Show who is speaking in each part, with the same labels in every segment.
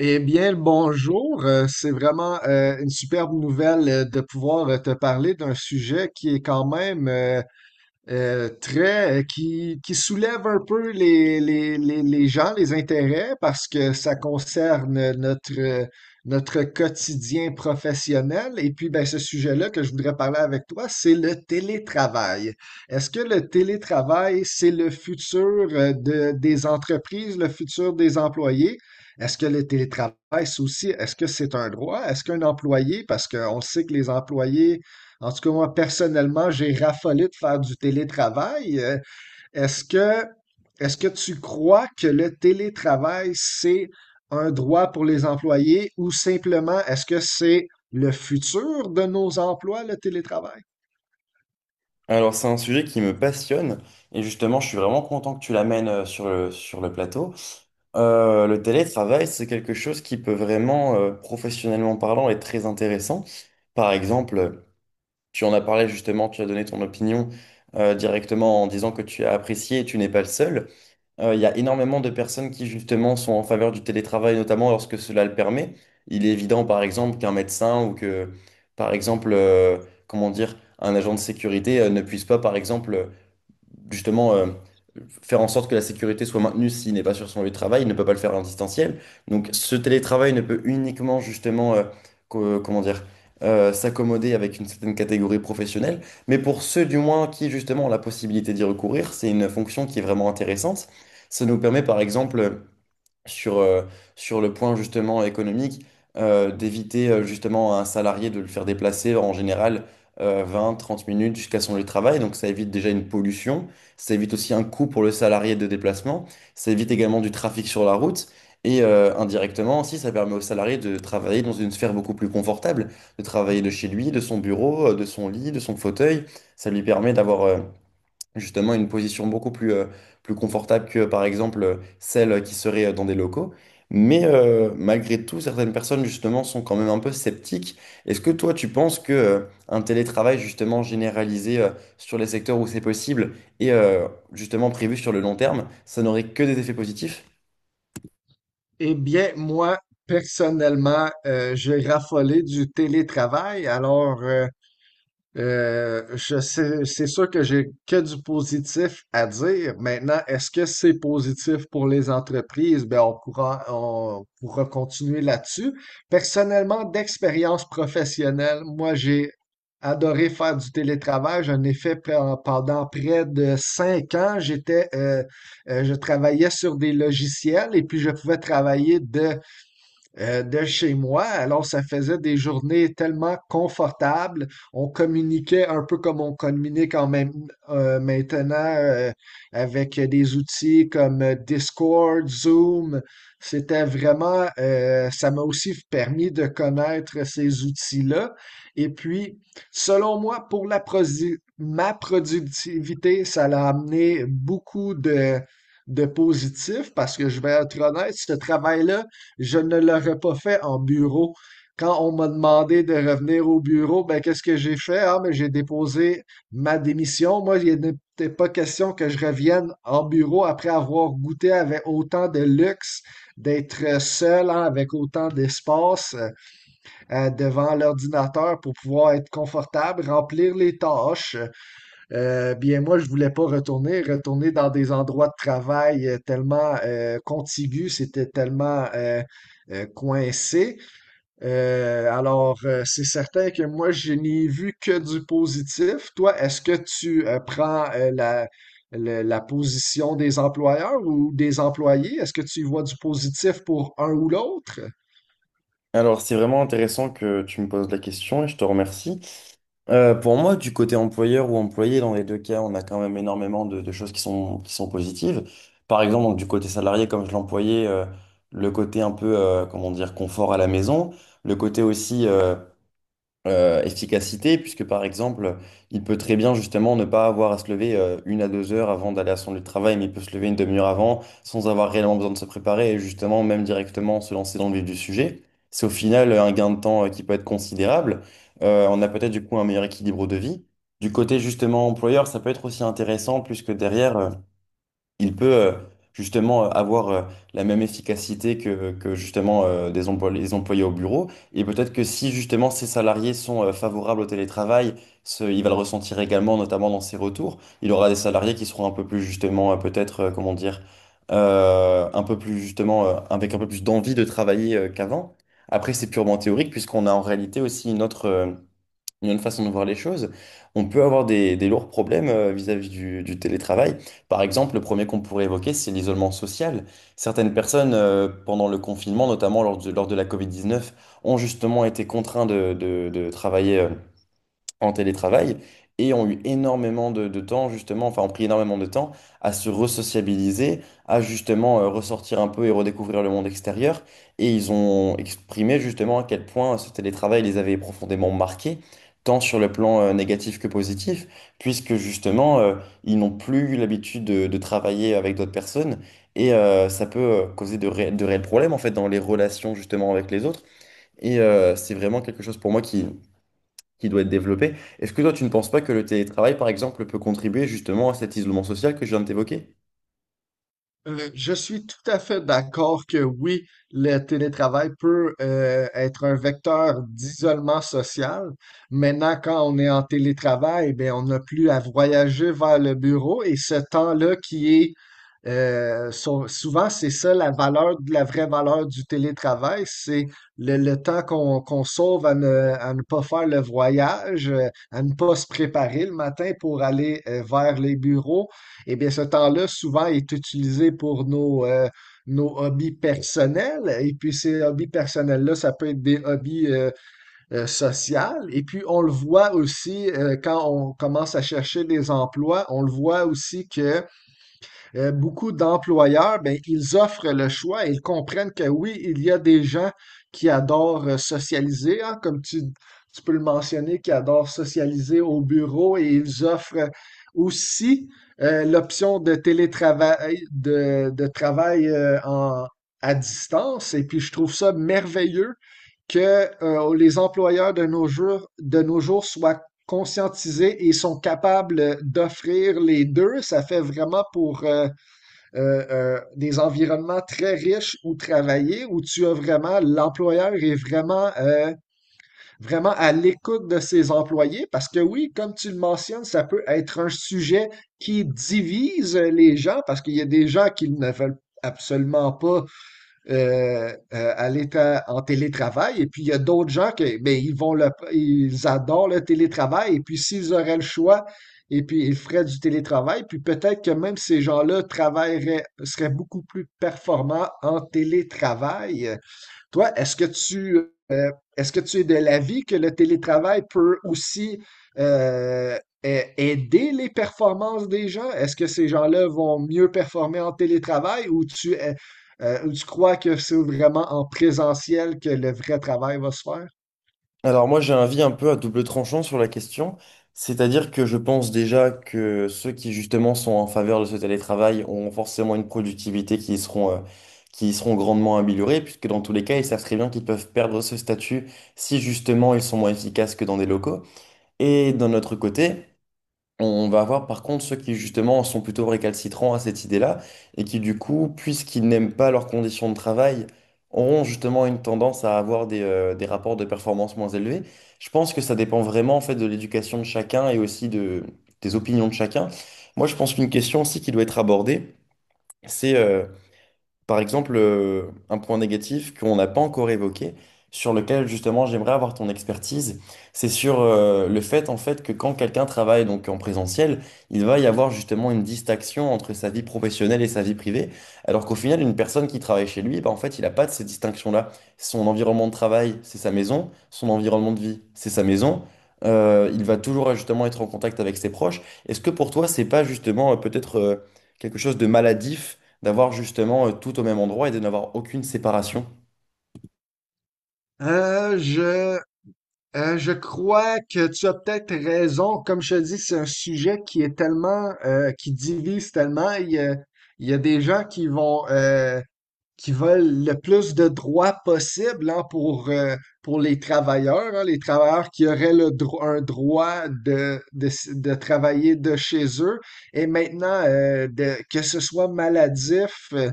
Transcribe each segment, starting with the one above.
Speaker 1: Eh bien, le bonjour. C'est vraiment une superbe nouvelle de pouvoir te parler d'un sujet qui est quand même très qui soulève un peu les gens, les intérêts, parce que ça concerne notre quotidien professionnel. Et puis, ben, ce sujet-là que je voudrais parler avec toi, c'est le télétravail. Est-ce que le télétravail, c'est le futur des entreprises, le futur des employés? Est-ce que le télétravail, c'est aussi, est-ce que c'est un droit? Est-ce qu'un employé, parce qu'on sait que les employés en tout cas, moi, personnellement, j'ai raffolé de faire du télétravail. Est-ce que, Est-ce que tu crois que le télétravail, c'est un droit pour les employés ou simplement est-ce que c'est le futur de nos emplois, le télétravail?
Speaker 2: Alors, c'est un sujet qui me passionne et justement, je suis vraiment content que tu l'amènes sur sur le plateau. Le télétravail, c'est quelque chose qui peut vraiment, professionnellement parlant, être très intéressant. Par exemple, tu en as parlé justement, tu as donné ton opinion, directement en disant que tu as apprécié et tu n'es pas le seul. Il y a énormément de personnes qui justement sont en faveur du télétravail, notamment lorsque cela le permet. Il est évident, par exemple, qu'un médecin ou que, par exemple, comment dire, un agent de sécurité ne puisse pas, par exemple, justement faire en sorte que la sécurité soit maintenue s'il n'est pas sur son lieu de travail, il ne peut pas le faire en distanciel. Donc ce télétravail ne peut uniquement justement, comment dire, s'accommoder avec une certaine catégorie professionnelle. Mais pour ceux du moins qui justement ont la possibilité d'y recourir, c'est une fonction qui est vraiment intéressante. Ça nous permet par exemple sur, euh, sur le point justement économique, d'éviter justement à un salarié de le faire déplacer en général 20, 30 minutes jusqu'à son lieu de travail. Donc ça évite déjà une pollution, ça évite aussi un coût pour le salarié de déplacement, ça évite également du trafic sur la route. Et indirectement aussi, ça permet au salarié de travailler dans une sphère beaucoup plus confortable, de travailler de chez lui, de son bureau, de son lit, de son fauteuil. Ça lui permet d'avoir justement une position beaucoup plus, plus confortable que par exemple celle qui serait dans des locaux. Mais malgré tout, certaines personnes justement sont quand même un peu sceptiques. Est-ce que toi, tu penses que un télétravail justement généralisé sur les secteurs où c'est possible et justement prévu sur le long terme, ça n'aurait que des effets positifs?
Speaker 1: Eh bien, moi, personnellement, j'ai raffolé du télétravail. Je sais, c'est sûr que j'ai que du positif à dire. Maintenant, est-ce que c'est positif pour les entreprises? Ben, on pourra continuer là-dessus. Personnellement, d'expérience professionnelle, moi, j'ai adoré faire du télétravail. J'en ai fait pe- pendant près de cinq ans. Je travaillais sur des logiciels et puis je pouvais travailler de chez moi. Alors, ça faisait des journées tellement confortables. On communiquait un peu comme on communique maintenant avec des outils comme Discord, Zoom. C'était vraiment, ça m'a aussi permis de connaître ces outils-là. Et puis, selon moi, pour ma productivité, ça l'a amené beaucoup de positif parce que je vais être honnête, ce travail-là, je ne l'aurais pas fait en bureau. Quand on m'a demandé de revenir au bureau, ben qu'est-ce que j'ai fait? Ah, mais j'ai déposé ma démission. Moi, il n'était pas question que je revienne en bureau après avoir goûté avec autant de luxe, d'être seul, hein, avec autant d'espace devant l'ordinateur pour pouvoir être confortable, remplir les tâches. Bien, moi, je voulais pas retourner. Retourner dans des endroits de travail tellement contigus, c'était tellement coincé. C'est certain que moi, je n'ai vu que du positif. Toi, est-ce que tu prends la, le- la position des employeurs ou des employés? Est-ce que tu y vois du positif pour un ou l'autre?
Speaker 2: Alors, c'est vraiment intéressant que tu me poses la question et je te remercie. Pour moi, du côté employeur ou employé, dans les deux cas, on a quand même énormément de choses qui sont positives. Par exemple, donc, du côté salarié, comme je l'employais, le côté un peu, comment dire, confort à la maison, le côté aussi, efficacité, puisque par exemple, il peut très bien justement ne pas avoir à se lever une à 2 heures avant d'aller à son lieu de travail, mais il peut se lever une demi-heure avant sans avoir réellement besoin de se préparer et justement même directement se lancer dans le vif du sujet. C'est au final un gain de temps qui peut être considérable. On a peut-être du coup un meilleur équilibre de vie. Du côté justement employeur, ça peut être aussi intéressant puisque derrière, il peut justement avoir la même efficacité que justement les employés au bureau. Et peut-être que si justement ces salariés sont favorables au télétravail, il va le ressentir également, notamment dans ses retours. Il aura des salariés qui seront un peu plus justement, peut-être, comment dire, un peu plus justement, avec un peu plus d'envie de travailler qu'avant. Après, c'est purement théorique puisqu'on a en réalité aussi une une autre façon de voir les choses, on peut avoir des lourds problèmes vis-à-vis du télétravail. Par exemple, le premier qu'on pourrait évoquer, c'est l'isolement social. Certaines personnes, pendant le confinement, notamment lors lors de la covid 19, ont justement été contraintes de travailler en télétravail et ont eu énormément de temps justement, enfin ont pris énormément de temps à se resociabiliser, à justement ressortir un peu et redécouvrir le monde extérieur. Et ils ont exprimé justement à quel point ce télétravail les avait profondément marqués, tant sur le plan négatif que positif, puisque justement ils n'ont plus eu l'habitude de travailler avec d'autres personnes. Et ça peut causer de réels problèmes en fait dans les relations justement avec les autres. Et c'est vraiment quelque chose pour moi qui doit être développé. Est-ce que toi, tu ne penses pas que le télétravail, par exemple, peut contribuer justement à cet isolement social que je viens de t'évoquer?
Speaker 1: Je suis tout à fait d'accord que oui, le télétravail peut être un vecteur d'isolement social. Maintenant, quand on est en télétravail, ben, on n'a plus à voyager vers le bureau et ce temps-là qui est souvent, c'est ça la valeur, la vraie valeur du télétravail, c'est le temps qu'on sauve à ne pas faire le voyage, à ne pas se préparer le matin pour aller vers les bureaux. Eh bien, ce temps-là, souvent, est utilisé pour nos hobbies personnels. Et puis, ces hobbies personnels-là, ça peut être des hobbies sociaux. Et puis, on le voit aussi quand on commence à chercher des emplois, on le voit aussi que beaucoup d'employeurs, ben, ils offrent le choix et ils comprennent que oui, il y a des gens qui adorent socialiser, hein, tu peux le mentionner, qui adorent socialiser au bureau et ils offrent aussi l'option de télétravail, de travail à distance. Et puis, je trouve ça merveilleux que les employeurs de nos jours soient conscientisés et sont capables d'offrir les deux. Ça fait vraiment pour des environnements très riches où travailler, où tu as vraiment, l'employeur est vraiment, vraiment à l'écoute de ses employés parce que oui, comme tu le mentionnes, ça peut être un sujet qui divise les gens parce qu'il y a des gens qui ne veulent absolument pas en télétravail. Et puis, il y a d'autres gens qui, ben, ils adorent le télétravail. Et puis, s'ils auraient le choix, et puis, ils feraient du télétravail. Puis, peut-être que même ces gens-là travailleraient, seraient beaucoup plus performants en télétravail. Toi, euh, est-ce que tu es de l'avis que le télétravail peut aussi euh, a- aider les performances des gens? Est-ce que ces gens-là vont mieux performer en télétravail ou tu crois que c'est vraiment en présentiel que le vrai travail va se faire?
Speaker 2: Alors moi j'ai un avis un peu à double tranchant sur la question, c'est-à-dire que je pense déjà que ceux qui justement sont en faveur de ce télétravail ont forcément une productivité qui y seront grandement améliorées, puisque dans tous les cas ils savent très bien qu'ils peuvent perdre ce statut si justement ils sont moins efficaces que dans des locaux. Et d'un autre côté, on va avoir par contre ceux qui justement sont plutôt récalcitrants à cette idée-là et qui du coup, puisqu'ils n'aiment pas leurs conditions de travail, auront justement une tendance à avoir des rapports de performance moins élevés. Je pense que ça dépend vraiment en fait de l'éducation de chacun et aussi de, des opinions de chacun. Moi, je pense qu'une question aussi qui doit être abordée, c'est par exemple, un point négatif qu'on n'a pas encore évoqué, sur lequel justement j'aimerais avoir ton expertise, c'est sur le fait en fait que quand quelqu'un travaille donc en présentiel, il va y avoir justement une distinction entre sa vie professionnelle et sa vie privée, alors qu'au final une personne qui travaille chez lui, bah, en fait il n'a pas de ces distinctions-là. Son environnement de travail, c'est sa maison, son environnement de vie, c'est sa maison. Il va toujours justement être en contact avec ses proches. Est-ce que pour toi c'est pas justement peut-être quelque chose de maladif, d'avoir justement tout au même endroit et de n'avoir aucune séparation?
Speaker 1: Euh, je, je crois que tu as peut-être raison. Comme je te dis, c'est un sujet qui est tellement, qui divise tellement. Il y a des gens qui vont, qui veulent le plus de droits possible hein, pour les travailleurs, hein, les travailleurs qui auraient un droit de travailler de chez eux. Et maintenant, que ce soit maladif, euh,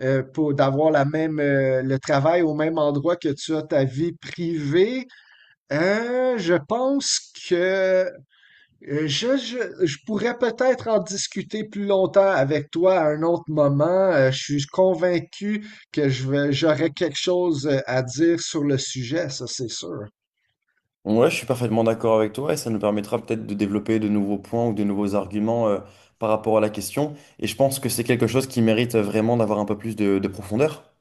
Speaker 1: euh, pour d'avoir la même le travail au même endroit que tu as ta vie privée, je pense que je pourrais peut-être en discuter plus longtemps avec toi à un autre moment. Je suis convaincu que j'aurai quelque chose à dire sur le sujet, ça c'est sûr.
Speaker 2: Ouais, je suis parfaitement d'accord avec toi et ça nous permettra peut-être de développer de nouveaux points ou de nouveaux arguments par rapport à la question. Et je pense que c'est quelque chose qui mérite vraiment d'avoir un peu plus de profondeur.